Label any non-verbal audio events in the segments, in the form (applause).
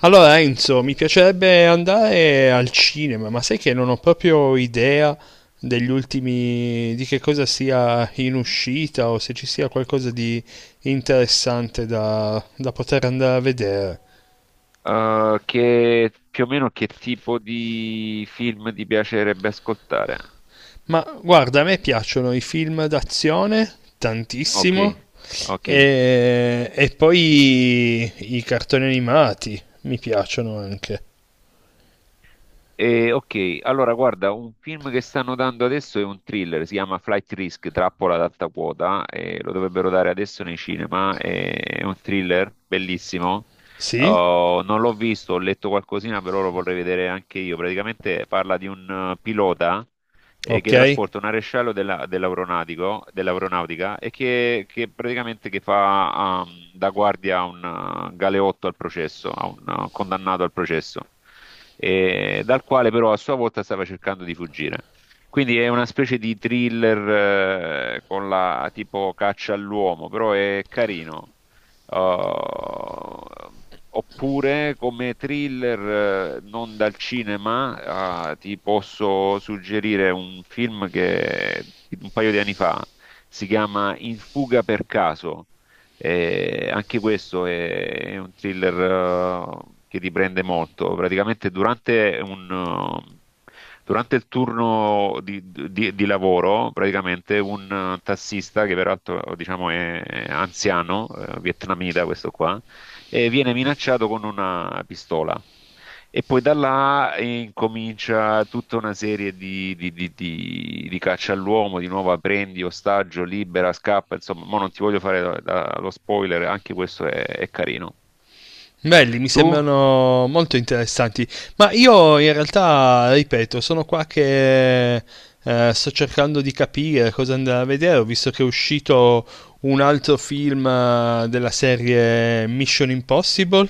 Allora Enzo, mi piacerebbe andare al cinema, ma sai che non ho proprio idea degli ultimi, di che cosa sia in uscita o se ci sia qualcosa di interessante da poter andare a vedere. Che più o meno che tipo di film ti piacerebbe ascoltare? Ma guarda, a me piacciono i film d'azione Ok, tantissimo ok. e poi i cartoni animati mi piacciono anche. Allora guarda, un film che stanno dando adesso è un thriller, si chiama Flight Risk, Trappola ad alta quota, e lo dovrebbero dare adesso nei cinema, è un thriller bellissimo. Sì? Oh, non l'ho visto, ho letto qualcosina, però lo vorrei vedere anche io. Praticamente parla di un pilota. Che Ok? trasporta un arescello dell'aeronautica e che praticamente che fa da guardia a un galeotto al processo, a un condannato al processo, dal quale però a sua volta stava cercando di fuggire. Quindi è una specie di thriller con la tipo caccia all'uomo, però è carino. Uh, Oppure come thriller non dal cinema, ah, ti posso suggerire un film che un paio di anni fa si chiama In fuga per caso. Anche questo è un thriller che ti prende molto. Praticamente durante un, durante il turno di lavoro, praticamente un tassista che peraltro diciamo è anziano, vietnamita questo qua e viene minacciato con una pistola. E poi da là incomincia tutta una serie di caccia all'uomo, di nuovo "Ah, prendi ostaggio, libera, scappa, insomma, mo non ti voglio fare lo spoiler, anche questo è carino. Belli, mi Tu? sembrano molto interessanti, ma io in realtà, ripeto, sono qua che sto cercando di capire cosa andare a vedere. Ho visto che è uscito un altro film della serie Mission Impossible,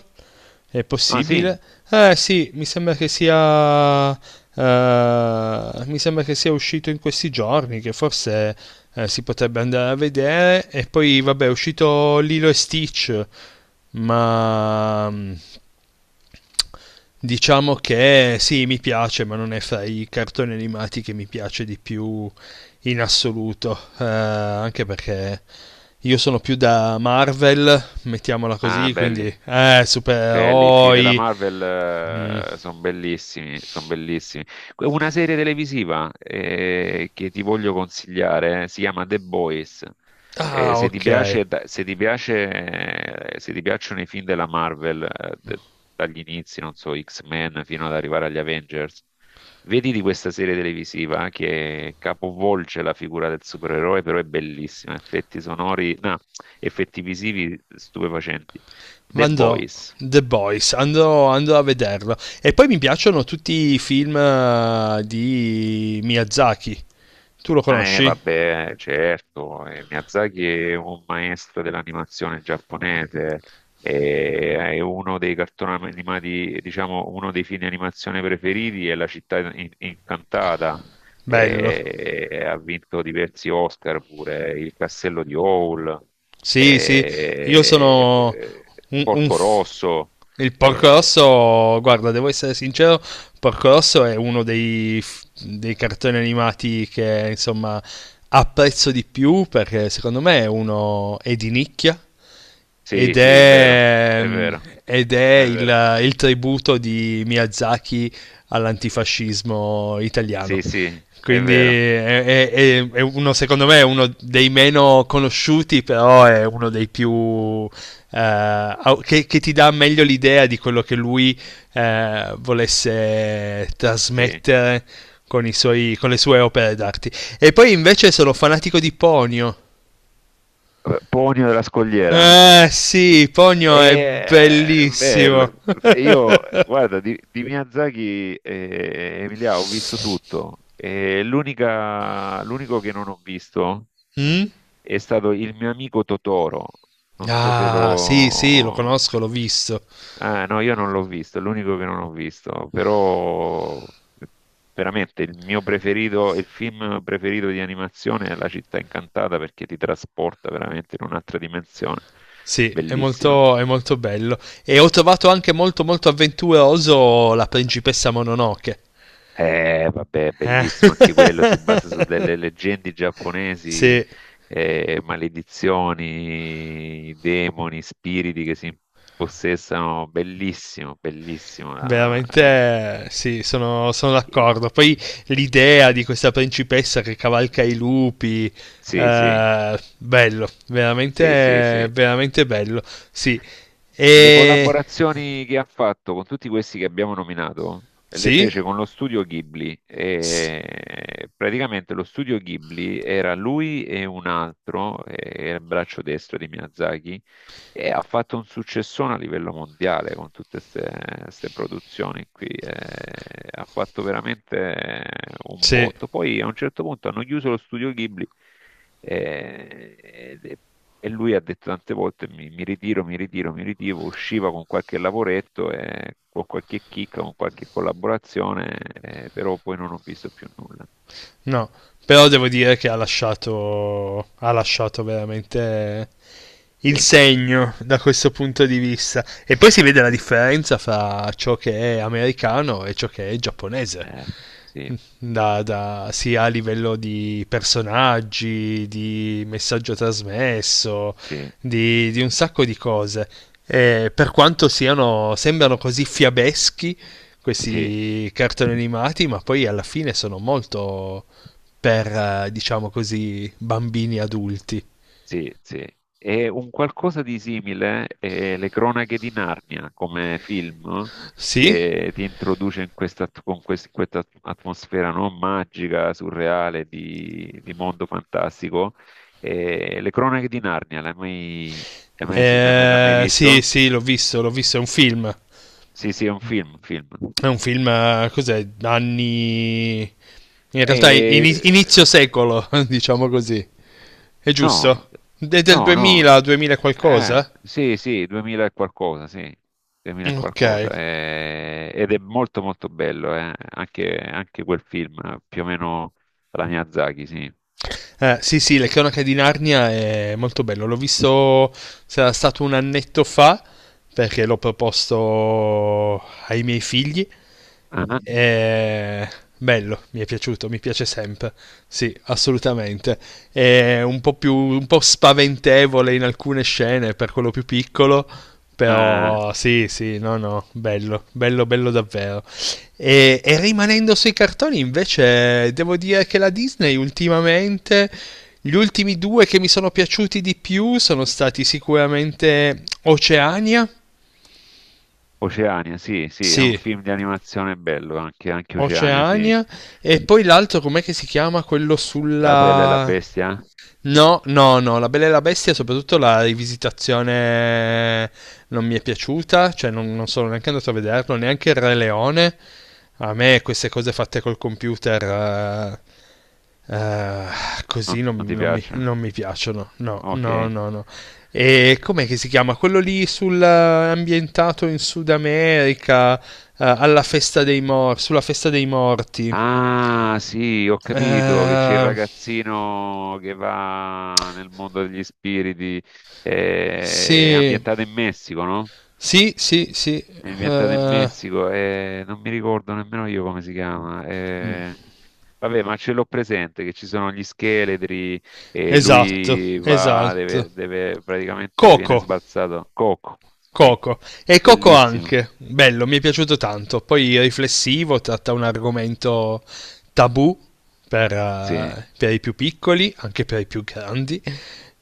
è Ah sì? possibile? Eh sì, mi sembra mi sembra che sia uscito in questi giorni, che forse si potrebbe andare a vedere, e poi vabbè è uscito Lilo e Stitch, ma diciamo che sì, mi piace, ma non è fra i cartoni animati che mi piace di più in assoluto, anche perché io sono più da Marvel, mettiamola Ah, così, quindi belli. Belli, i film della supereroi. Mm. Marvel sono bellissimi, sono bellissimi. Una serie televisiva che ti voglio consigliare, si chiama The Boys. Ah, Se ti ok. piace, se ti piacciono i film della Marvel, dagli inizi, non so, X-Men fino ad arrivare agli Avengers, vedi di questa serie televisiva che capovolge la figura del supereroe, però è bellissima, effetti sonori, no, effetti visivi stupefacenti. The Andrò. Boys. The Boys, andrò a vederlo. E poi mi piacciono tutti i film di Miyazaki. Tu lo Ah. Conosci? Vabbè, certo, Miyazaki è un maestro dell'animazione giapponese, e è uno dei cartoni animati, diciamo, uno dei film di animazione preferiti è La città incantata, Bello. e ha vinto diversi Oscar pure, Il castello di Howl, Sì, sì, io e, sono eh, un, un Porco f- Rosso, il Porco eh, Rosso, guarda, devo essere sincero, Porco Rosso è uno dei, dei cartoni animati che, insomma, apprezzo di più perché secondo me è di nicchia sì, ed sì, è vero, è, è vero, ed è è vero, il tributo di Miyazaki all'antifascismo italiano. sì, sì, è Quindi vero, è, è uno, secondo me, è uno dei meno conosciuti, però è uno dei più... che ti dà meglio l'idea di quello che lui volesse sì. trasmettere con, con le sue opere d'arte. E poi invece sono fanatico di Ponio. Ponio della Scogliera. Eh sì, Ponio è E, bello. bellissimo. (laughs) Io, guarda, di Miyazaki, Emilia, ho visto tutto. E l'unico che non ho visto Mm? è stato il mio amico Totoro. Non so se Ah, sì, sì, lo lo. conosco, l'ho visto. Ah, no, io non l'ho visto, è l'unico che non ho visto, però veramente il mio preferito, il film preferito di animazione è La città incantata perché ti trasporta veramente in un'altra dimensione. Sì, Bellissimo. È molto bello. E ho trovato anche molto, molto avventuroso la principessa Mononoke. Vabbè, Eh? bellissimo anche quello, si basa su delle (laughs) leggende giapponesi, Sì, maledizioni, demoni, spiriti che si impossessano. Bellissimo, bellissimo. Veramente sì, sono, sono eh, d'accordo. Poi l'idea di questa principessa che cavalca i lupi, sì, sì. Bello, Sì, sì, sì. veramente, veramente bello. Sì, Le e collaborazioni che ha fatto con tutti questi che abbiamo nominato le sì, fece con lo studio Ghibli. s- E praticamente lo studio Ghibli era lui e un altro, era il braccio destro di Miyazaki, e ha fatto un successone a livello mondiale con tutte queste produzioni qui. Ha fatto veramente un sì. botto. Poi a un certo punto hanno chiuso lo studio Ghibli. eh, e e lui ha detto tante volte mi ritiro, mi ritiro, mi ritiro, usciva con qualche lavoretto, e, con qualche chicca, con qualche collaborazione, però poi non ho visto più nulla. No, però devo dire che ha lasciato veramente il Segno, sì, segno da questo punto di vista. E poi si vede la sì. differenza fra ciò che è americano e ciò che è giapponese. Eh, sì, Sia a livello di personaggi, di messaggio trasmesso, sì, di un sacco di cose. E per quanto siano, sembrano così fiabeschi sì. questi cartoni animati, ma poi alla fine sono molto, per, diciamo così, bambini adulti. Sì, sì. E un qualcosa di simile è Le Cronache di Narnia come film Sì? che ti introduce in questa, in questa atmosfera non magica, surreale, di mondo fantastico. E Le Cronache di Narnia, l'hai mai Sì, visto? sì, l'ho visto, è un film. Sì, sì, è un film, un film. È un film, cos'è, anni... In realtà E- inizio secolo, (laughs) diciamo così. È no, giusto? È del no, no. 2000, 2000 qualcosa? Sì, sì, 2000 e qualcosa, sì, 2000 e Ok. qualcosa, ed è molto molto bello, anche quel film, più o meno alla Miyazaki, sì. Sì, sì, Le cronache di Narnia è molto bello. L'ho visto, sarà stato un annetto fa, perché l'ho proposto ai miei figli. Ah, Eh, bello, mi è piaciuto, mi piace sempre. Sì, assolutamente. È un po' più, un po' spaventevole in alcune scene per quello più piccolo, ah, però sì, sì, no, no, bello, bello, bello davvero. E rimanendo sui cartoni, invece, devo dire che la Disney ultimamente, gli ultimi due che mi sono piaciuti di più sono stati sicuramente Oceania. Oceania, sì, sì, è un Sì, film di animazione bello, anche Oceania, sì. Oceania e poi l'altro com'è che si chiama quello La bella e la sulla... bestia? No, no, no, La Bella e la Bestia, soprattutto la rivisitazione non mi è piaciuta, cioè non, non sono neanche andato a vederlo, neanche il Re Leone. A me queste cose fatte col computer eh, così Non, non non, ti non mi, piacciono? non mi piacciono, no, Ok. no, no, no. E com'è che si chiama? Quello lì sul, ambientato in Sud America, alla festa dei mor- sulla festa dei morti. Ah, sì, ho capito che c'è il Eh... ragazzino che va nel mondo degli spiriti, è Sì, ambientato in Messico, no? sì, sì, sì. È ambientato in Eh, Messico, non mi ricordo nemmeno io come si chiama. mm. Vabbè, ma ce l'ho presente che ci sono gli scheletri e Esatto, lui va, esatto. Praticamente viene Coco. sbalzato. Coco, sì, Coco. E Coco bellissimo. anche, bello, mi è piaciuto tanto. Poi riflessivo, tratta un argomento tabù Sì, per i più piccoli, anche per i più grandi.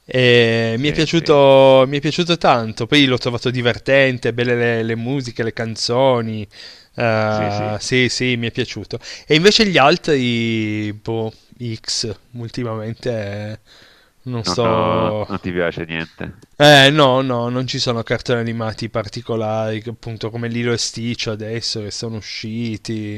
E sì, sì, mi è piaciuto tanto. Poi l'ho trovato divertente, belle le musiche, le canzoni. sì, sì. Sì, sì, mi è piaciuto. E invece gli altri, boh, X, ultimamente eh, non sto, Non ti piace niente. No, no, non ci sono cartoni animati particolari, che appunto come Lilo e Stitch adesso che sono usciti.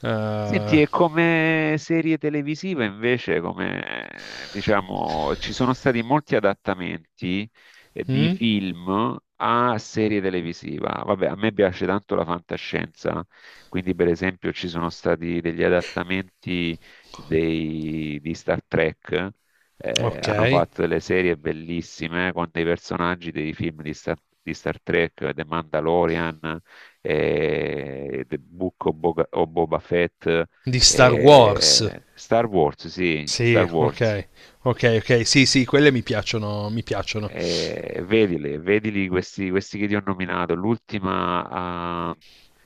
Eh, Senti, e come serie televisiva invece, come diciamo, ci sono stati molti adattamenti di mm? film a serie televisiva. Vabbè, a me piace tanto la fantascienza, quindi per esempio ci sono stati degli adattamenti di Star Trek. Ok. Hanno fatto delle serie bellissime con dei personaggi dei film di Star Trek, The Mandalorian. The Book of Boba Fett, Di Star Wars. Star Wars, sì, Star Sì, Wars. ok. Ok, ok. Sì, sì, quelle mi piacciono, mi piacciono. Vedili, vedili questi, questi che ti ho nominato.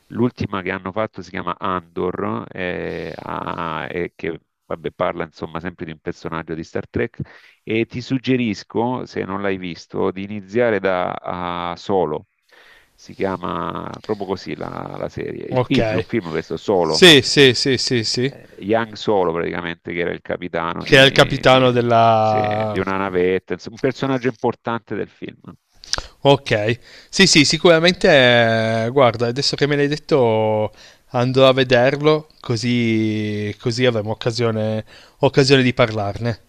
L'ultima che hanno fatto si chiama Andor, ah, e che vabbè, parla insomma sempre di un personaggio di Star Trek. E ti suggerisco, se non l'hai visto, di iniziare da Solo. Si chiama proprio così la serie. Il film è un Ok. film questo, Solo Sì, sì, sì, sì, sì. Yang Solo praticamente, che era il capitano Che è il capitano sì, di della... una navetta, insomma, un personaggio importante del film. Ok, sì, sì, sicuramente, guarda, adesso che me l'hai detto andrò a vederlo, così, così avremo occasione, occasione di parlarne.